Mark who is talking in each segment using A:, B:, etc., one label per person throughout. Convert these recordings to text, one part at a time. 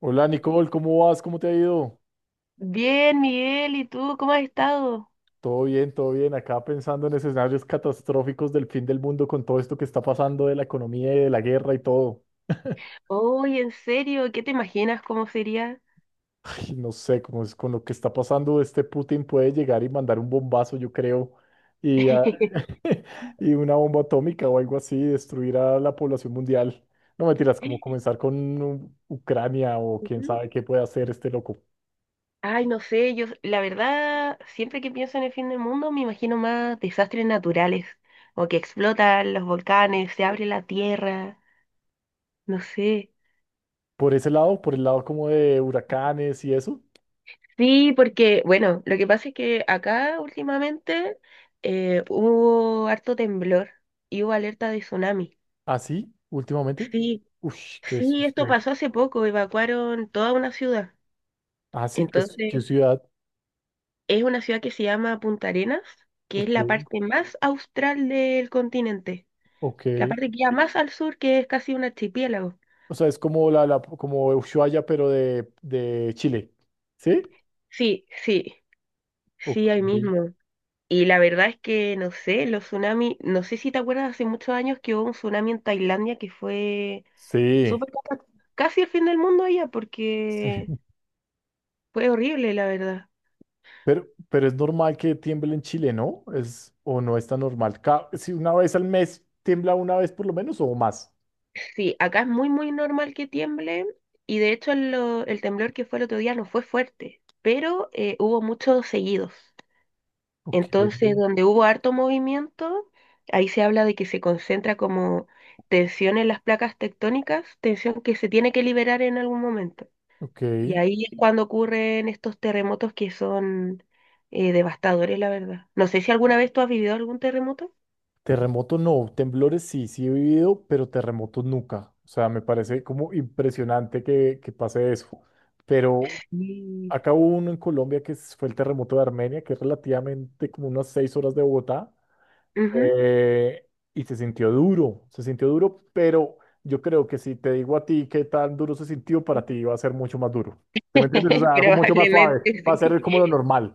A: Hola Nicole, ¿cómo vas? ¿Cómo te ha ido?
B: Bien, Miguel, ¿y tú cómo has estado?
A: Todo bien, todo bien. Acá pensando en escenarios catastróficos del fin del mundo con todo esto que está pasando de la economía y de la guerra y todo.
B: Oye, en serio, ¿qué te imaginas cómo sería?
A: Ay, no sé, cómo es con lo que está pasando, este Putin puede llegar y mandar un bombazo, yo creo, y, ah, y una bomba atómica o algo así, destruir a la población mundial. No mentiras, como comenzar con Ucrania o quién
B: Ujú.
A: sabe qué puede hacer este loco.
B: Ay, no sé, yo la verdad, siempre que pienso en el fin del mundo me imagino más desastres naturales, o que explotan los volcanes, se abre la tierra, no sé.
A: Por ese lado, por el lado como de huracanes y eso.
B: Sí, porque, bueno, lo que pasa es que acá últimamente hubo harto temblor y hubo alerta de tsunami.
A: ¿Así? ¿Últimamente?
B: Sí,
A: Uy, qué
B: sí, esto
A: susto.
B: pasó hace poco, evacuaron toda una ciudad.
A: ¿Así?
B: Entonces,
A: ¿Qué ciudad?
B: es una ciudad que se llama Punta Arenas, que es la
A: Ok,
B: parte más austral del continente,
A: ok.
B: la parte que queda más al sur, que es casi un archipiélago.
A: O sea, es como la como Ushuaia, pero de Chile. ¿Sí?
B: Sí, sí, sí,
A: Ok.
B: ahí mismo. Y la verdad es que, no sé, los tsunamis, no sé si te acuerdas, hace muchos años que hubo un tsunami en Tailandia que fue
A: Sí.
B: súper cata- casi el fin del mundo allá, porque
A: Sí.
B: fue horrible, la verdad.
A: Pero es normal que tiemble en Chile, ¿no? Es, o no es tan normal. Si una vez al mes tiembla una vez por lo menos o más.
B: Sí, acá es muy, muy normal que tiemble y de hecho el temblor que fue el otro día no fue fuerte, pero hubo muchos seguidos.
A: Ok,
B: Entonces, donde hubo harto movimiento, ahí se habla de que se concentra como tensión en las placas tectónicas, tensión que se tiene que liberar en algún momento.
A: ok.
B: Y ahí es cuando ocurren estos terremotos que son devastadores, la verdad. No sé si alguna vez tú has vivido algún terremoto.
A: Terremoto no, temblores sí, sí he vivido, pero terremotos nunca. O sea, me parece como impresionante que pase eso. Pero
B: Sí.
A: acá hubo uno en Colombia que fue el terremoto de Armenia, que es relativamente como unas seis horas de Bogotá.
B: Ujú.
A: eh, y se sintió duro, pero yo creo que si te digo a ti qué tan duro se sintió, para ti va a ser mucho más duro. ¿Sí me entiendes? O sea, algo mucho más suave.
B: Probablemente
A: Va a ser
B: sí.
A: como lo normal.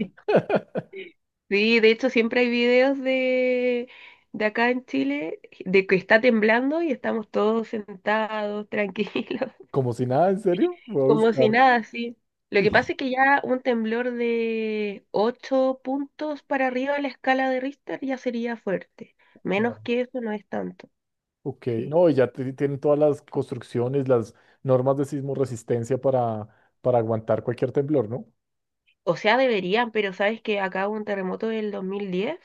B: Sí, de hecho siempre hay videos de acá en Chile de que está temblando y estamos todos sentados, tranquilos,
A: Como si nada, ¿en serio? Voy a
B: como si
A: buscar.
B: nada, sí. Lo que pasa es que ya un temblor de 8 puntos para arriba de la escala de Richter ya sería fuerte. Menos
A: Claro.
B: que eso no es tanto,
A: Ok,
B: sí.
A: no, y ya tienen todas las construcciones, las normas de sismo resistencia para aguantar cualquier temblor, ¿no?
B: O sea, deberían, pero sabes que acá hubo un terremoto del 2010.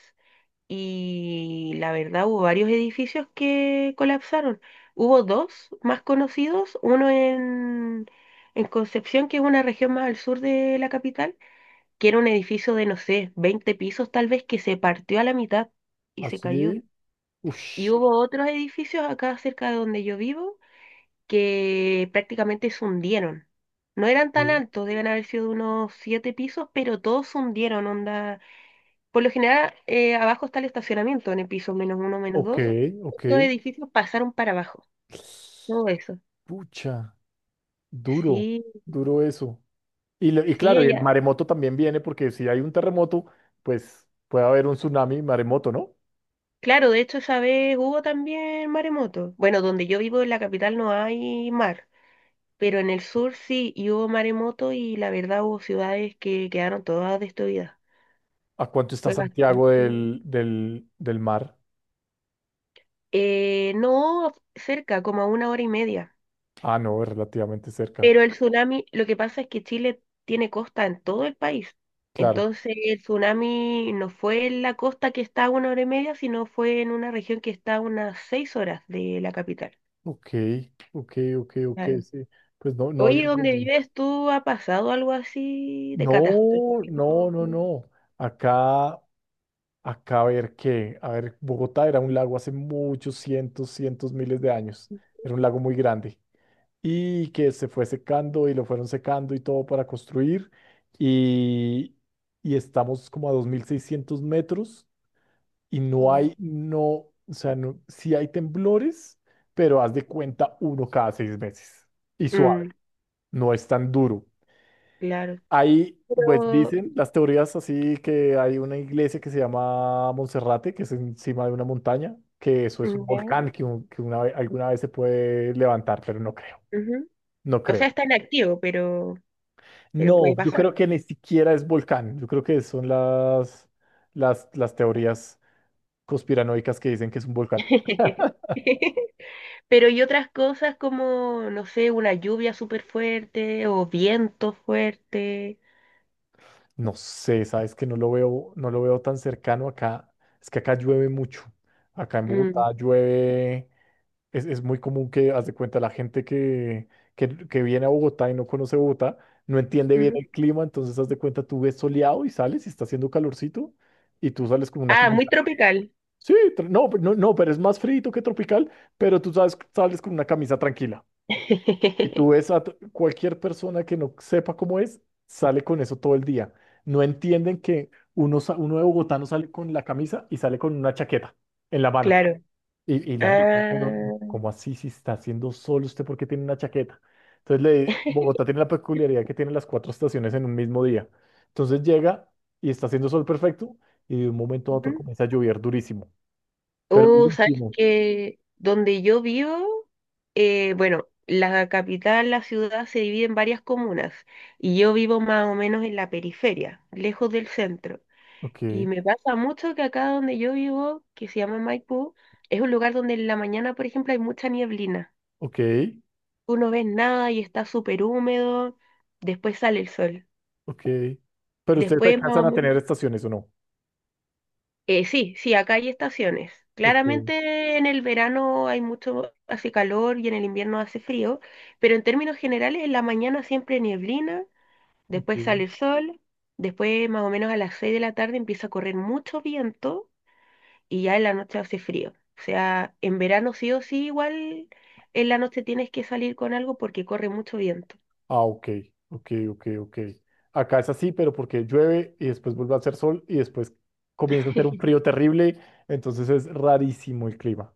B: Y la verdad hubo varios edificios que colapsaron. Hubo dos más conocidos, uno en Concepción, que es una región más al sur de la capital, que era un edificio de, no sé, 20 pisos tal vez, que se partió a la mitad y se cayó.
A: Así,
B: Y
A: uff,
B: hubo otros edificios acá cerca de donde yo vivo que prácticamente se hundieron. No eran tan altos, deben haber sido unos siete pisos, pero todos se hundieron, onda. Por lo general, abajo está el estacionamiento en el piso menos uno, menos
A: ok,
B: dos.
A: ok.
B: Estos edificios pasaron para abajo. Todo eso.
A: Pucha, duro,
B: Sí,
A: duro eso. Y, y
B: sí,
A: claro, y el
B: allá.
A: maremoto también viene porque si hay un terremoto, pues puede haber un tsunami, maremoto, ¿no?
B: Claro, de hecho, esa vez hubo también maremoto. Bueno, donde yo vivo en la capital no hay mar, pero en el sur sí, y hubo maremoto y la verdad hubo ciudades que quedaron todas destruidas.
A: ¿A cuánto está
B: Fue
A: Santiago
B: bastante.
A: del mar?
B: No cerca, como a una hora y media.
A: Ah, no, es relativamente cerca,
B: Pero el tsunami, lo que pasa es que Chile tiene costa en todo el país.
A: claro.
B: Entonces el tsunami no fue en la costa que está a una hora y media, sino fue en una región que está a unas 6 horas de la capital.
A: Ok, ok, ok, ok,
B: Claro.
A: sí. Pues no, no había
B: Oye, ¿dónde
A: pensado.
B: vives tú? ¿Ha pasado algo así de
A: No, no,
B: catastrófico?
A: no, no. Acá, acá a ver qué. A ver, Bogotá era un lago hace muchos cientos, cientos, miles de años. Era un lago muy grande. Y que se fue secando y lo fueron secando y todo para construir. Y, y estamos como a 2.600 metros y no
B: Ua-
A: hay, no, o sea, no, sí hay temblores, pero haz de cuenta uno cada 6 meses. Y su
B: Mm,
A: no es tan duro.
B: claro.
A: Ahí, pues
B: Pero,
A: dicen las teorías así que hay una iglesia que se llama Monserrate, que es encima de una montaña, que eso es un
B: mm,
A: volcán que alguna vez se puede levantar, pero no creo,
B: ya, ujú.
A: no
B: O sea,
A: creo.
B: está en activo, pero
A: No,
B: puede
A: yo
B: pasar.
A: creo que ni siquiera es volcán, yo creo que son las teorías conspiranoicas que dicen que es un volcán.
B: Pero y otras cosas como, no sé, una lluvia súper fuerte o viento fuerte.
A: No sé, sabes que no lo veo, no lo veo tan cercano acá, es que acá llueve mucho. Acá en
B: Mm,
A: Bogotá llueve. Es muy común que, haz de cuenta, la gente que viene a Bogotá y no conoce Bogotá, no entiende bien
B: ujú.
A: el clima, entonces haz de cuenta, tú ves soleado y sales y está haciendo calorcito y tú sales con una
B: Ah, muy
A: camisa.
B: tropical.
A: Sí, no, no, pero es más frío que tropical, pero tú sales, sales con una camisa tranquila. Y tú ves a cualquier persona que no sepa cómo es, sale con eso todo el día. No entienden que uno, uno de Bogotá no sale con la camisa y sale con una chaqueta en la mano.
B: Claro.
A: Y la gente, pero
B: Ah,
A: como así si está haciendo sol usted porque tiene una chaqueta. Entonces Bogotá tiene la peculiaridad que tiene las cuatro estaciones en un mismo día. Entonces llega y está haciendo sol perfecto y de un momento a otro
B: ujú.
A: comienza a llover durísimo, pero
B: Sabes
A: durísimo.
B: que donde yo vivo, bueno, la capital, la ciudad se divide en varias comunas y yo vivo más o menos en la periferia, lejos del centro. Y
A: Ok,
B: me pasa mucho que acá donde yo vivo, que se llama Maipú, es un lugar donde en la mañana, por ejemplo, hay mucha nieblina.
A: ok,
B: Tú no ves nada y está súper húmedo, después sale el sol.
A: ok. Pero ustedes
B: Después, más
A: alcanzan
B: o
A: a
B: men-
A: tener estaciones o no.
B: Sí, sí, acá hay estaciones.
A: Ok,
B: Claramente en el verano hay mucho, hace calor y en el invierno hace frío, pero en términos generales en la mañana siempre nieblina, después
A: ok.
B: sale el sol, después más o menos a las 6 de la tarde empieza a correr mucho viento y ya en la noche hace frío. O sea, en verano sí o sí, igual en la noche tienes que salir con algo porque corre mucho viento.
A: Ah, ok, ok, ok, ok. Acá es así, pero porque llueve y después vuelve a hacer sol y después comienza a hacer un frío terrible, entonces es rarísimo el clima.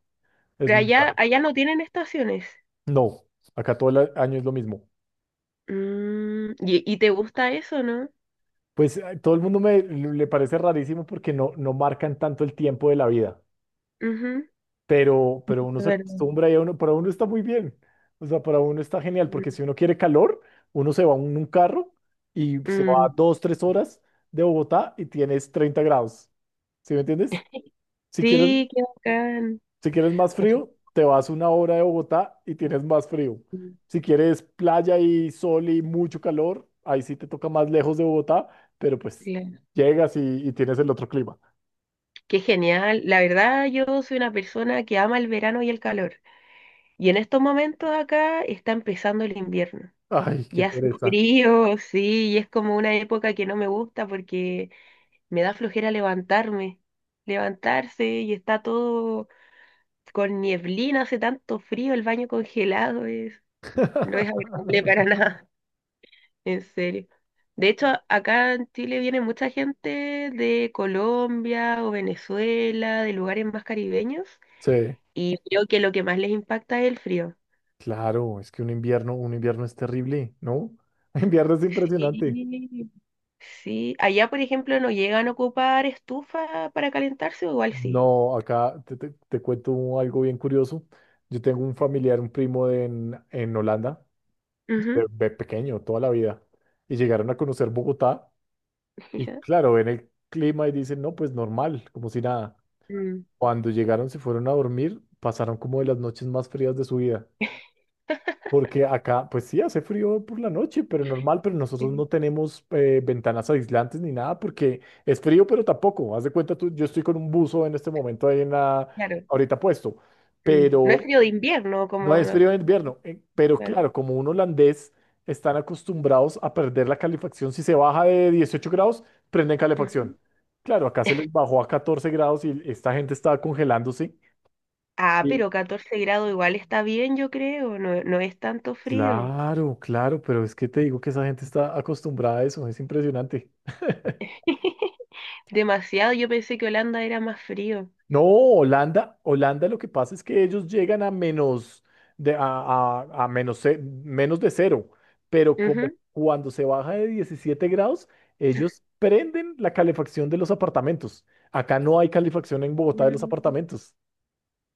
A: Es
B: Pero
A: muy raro.
B: allá no tienen estaciones.
A: No, acá todo el año es lo mismo.
B: Mm, y te gusta eso, no.
A: Pues todo el mundo me le parece rarísimo porque no, no marcan tanto el tiempo de la vida,
B: Ujú.
A: pero uno
B: De
A: se
B: verdad.
A: acostumbra y a uno, para uno está muy bien. O sea, para uno está genial
B: Mm,
A: porque si uno quiere calor, uno se va en un carro y se va
B: mm.
A: dos, tres horas de Bogotá y tienes 30 grados. ¿Sí me entiendes? Si Sí. quieres,
B: Sí, qué bacán.
A: si quieres más frío, te vas una hora de Bogotá y tienes más frío.
B: Mm,
A: Si quieres playa y sol y mucho calor, ahí sí te toca más lejos de Bogotá, pero pues
B: claro.
A: llegas y tienes el otro clima.
B: Qué genial. La verdad, yo soy una persona que ama el verano y el calor. Y en estos momentos acá está empezando el invierno.
A: Ay,
B: Y
A: qué
B: hace
A: pereza.
B: frío, sí, y es como una época que no me gusta porque me da flojera levantarme, levantarse y está todo con nieblina, hace tanto frío, el baño congelado es, no es agradable para nada, en serio. De hecho, acá en Chile viene mucha gente de Colombia o Venezuela, de lugares más caribeños,
A: Sí,
B: y creo que lo que más les impacta es el frío.
A: claro, es que un invierno es terrible, ¿no? Un invierno es impresionante.
B: Sí, sí, allá por ejemplo no llegan a ocupar estufa para calentarse o igual sí.
A: No, acá te cuento algo bien curioso. Yo tengo un familiar, un primo en Holanda
B: Ujú.
A: de pequeño, toda la vida. Y llegaron a conocer Bogotá y
B: Ya.
A: claro, ven el clima y dicen, no, pues normal, como si nada.
B: Mm.
A: Cuando llegaron, se fueron a dormir, pasaron como de las noches más frías de su vida. Porque acá, pues sí, hace frío por la noche, pero normal, pero nosotros
B: Mm,
A: no tenemos ventanas aislantes ni nada porque es frío, pero tampoco. Haz de cuenta tú, yo estoy con un buzo en este momento ahí en la,
B: claro.
A: ahorita puesto,
B: Mm. No es
A: pero
B: frío de invierno
A: no
B: como...
A: es
B: la-
A: frío en invierno, pero
B: Claro.
A: claro, como un holandés están acostumbrados a perder la calefacción. Si se baja de 18 grados, prenden
B: Ujú.
A: calefacción. Claro, acá se les bajó a 14 grados y esta gente estaba congelándose.
B: Ah,
A: Y-
B: pero 14 grados igual está bien, yo creo. No, no es tanto frío.
A: Claro, claro, pero es que te digo que esa gente está acostumbrada a eso, es impresionante.
B: Demasiado, yo pensé que Holanda era más frío.
A: No, Holanda, Holanda lo que pasa es que ellos llegan a menos a menos, menos de cero, pero
B: Ujú.
A: como cuando se baja de 17 grados, ellos prenden la calefacción de los apartamentos. Acá no hay calefacción en Bogotá de los
B: Mm.
A: apartamentos,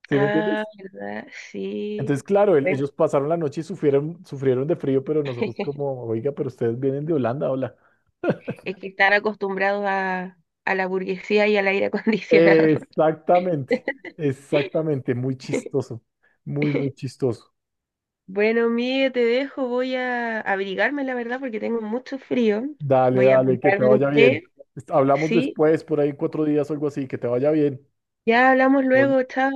A: ¿sí me
B: Ah,
A: entiendes?
B: ¿verdad? Sí.
A: Entonces, claro,
B: Bueno,
A: ellos pasaron la noche y sufrieron, sufrieron de frío, pero nosotros como, oiga, pero ustedes vienen de Holanda, hola.
B: es que están acostumbrados a la burguesía y al aire acondicionado.
A: Exactamente, exactamente, muy chistoso, muy, muy chistoso.
B: Bueno, Miguel, te dejo. Voy a abrigarme, la verdad, porque tengo mucho frío.
A: Dale,
B: Voy a
A: dale, que te
B: abrigarme un
A: vaya bien.
B: té.
A: Hablamos
B: Sí,
A: después, por ahí en 4 días o algo así, que te vaya bien.
B: ya hablamos
A: Bueno,
B: luego. Chao.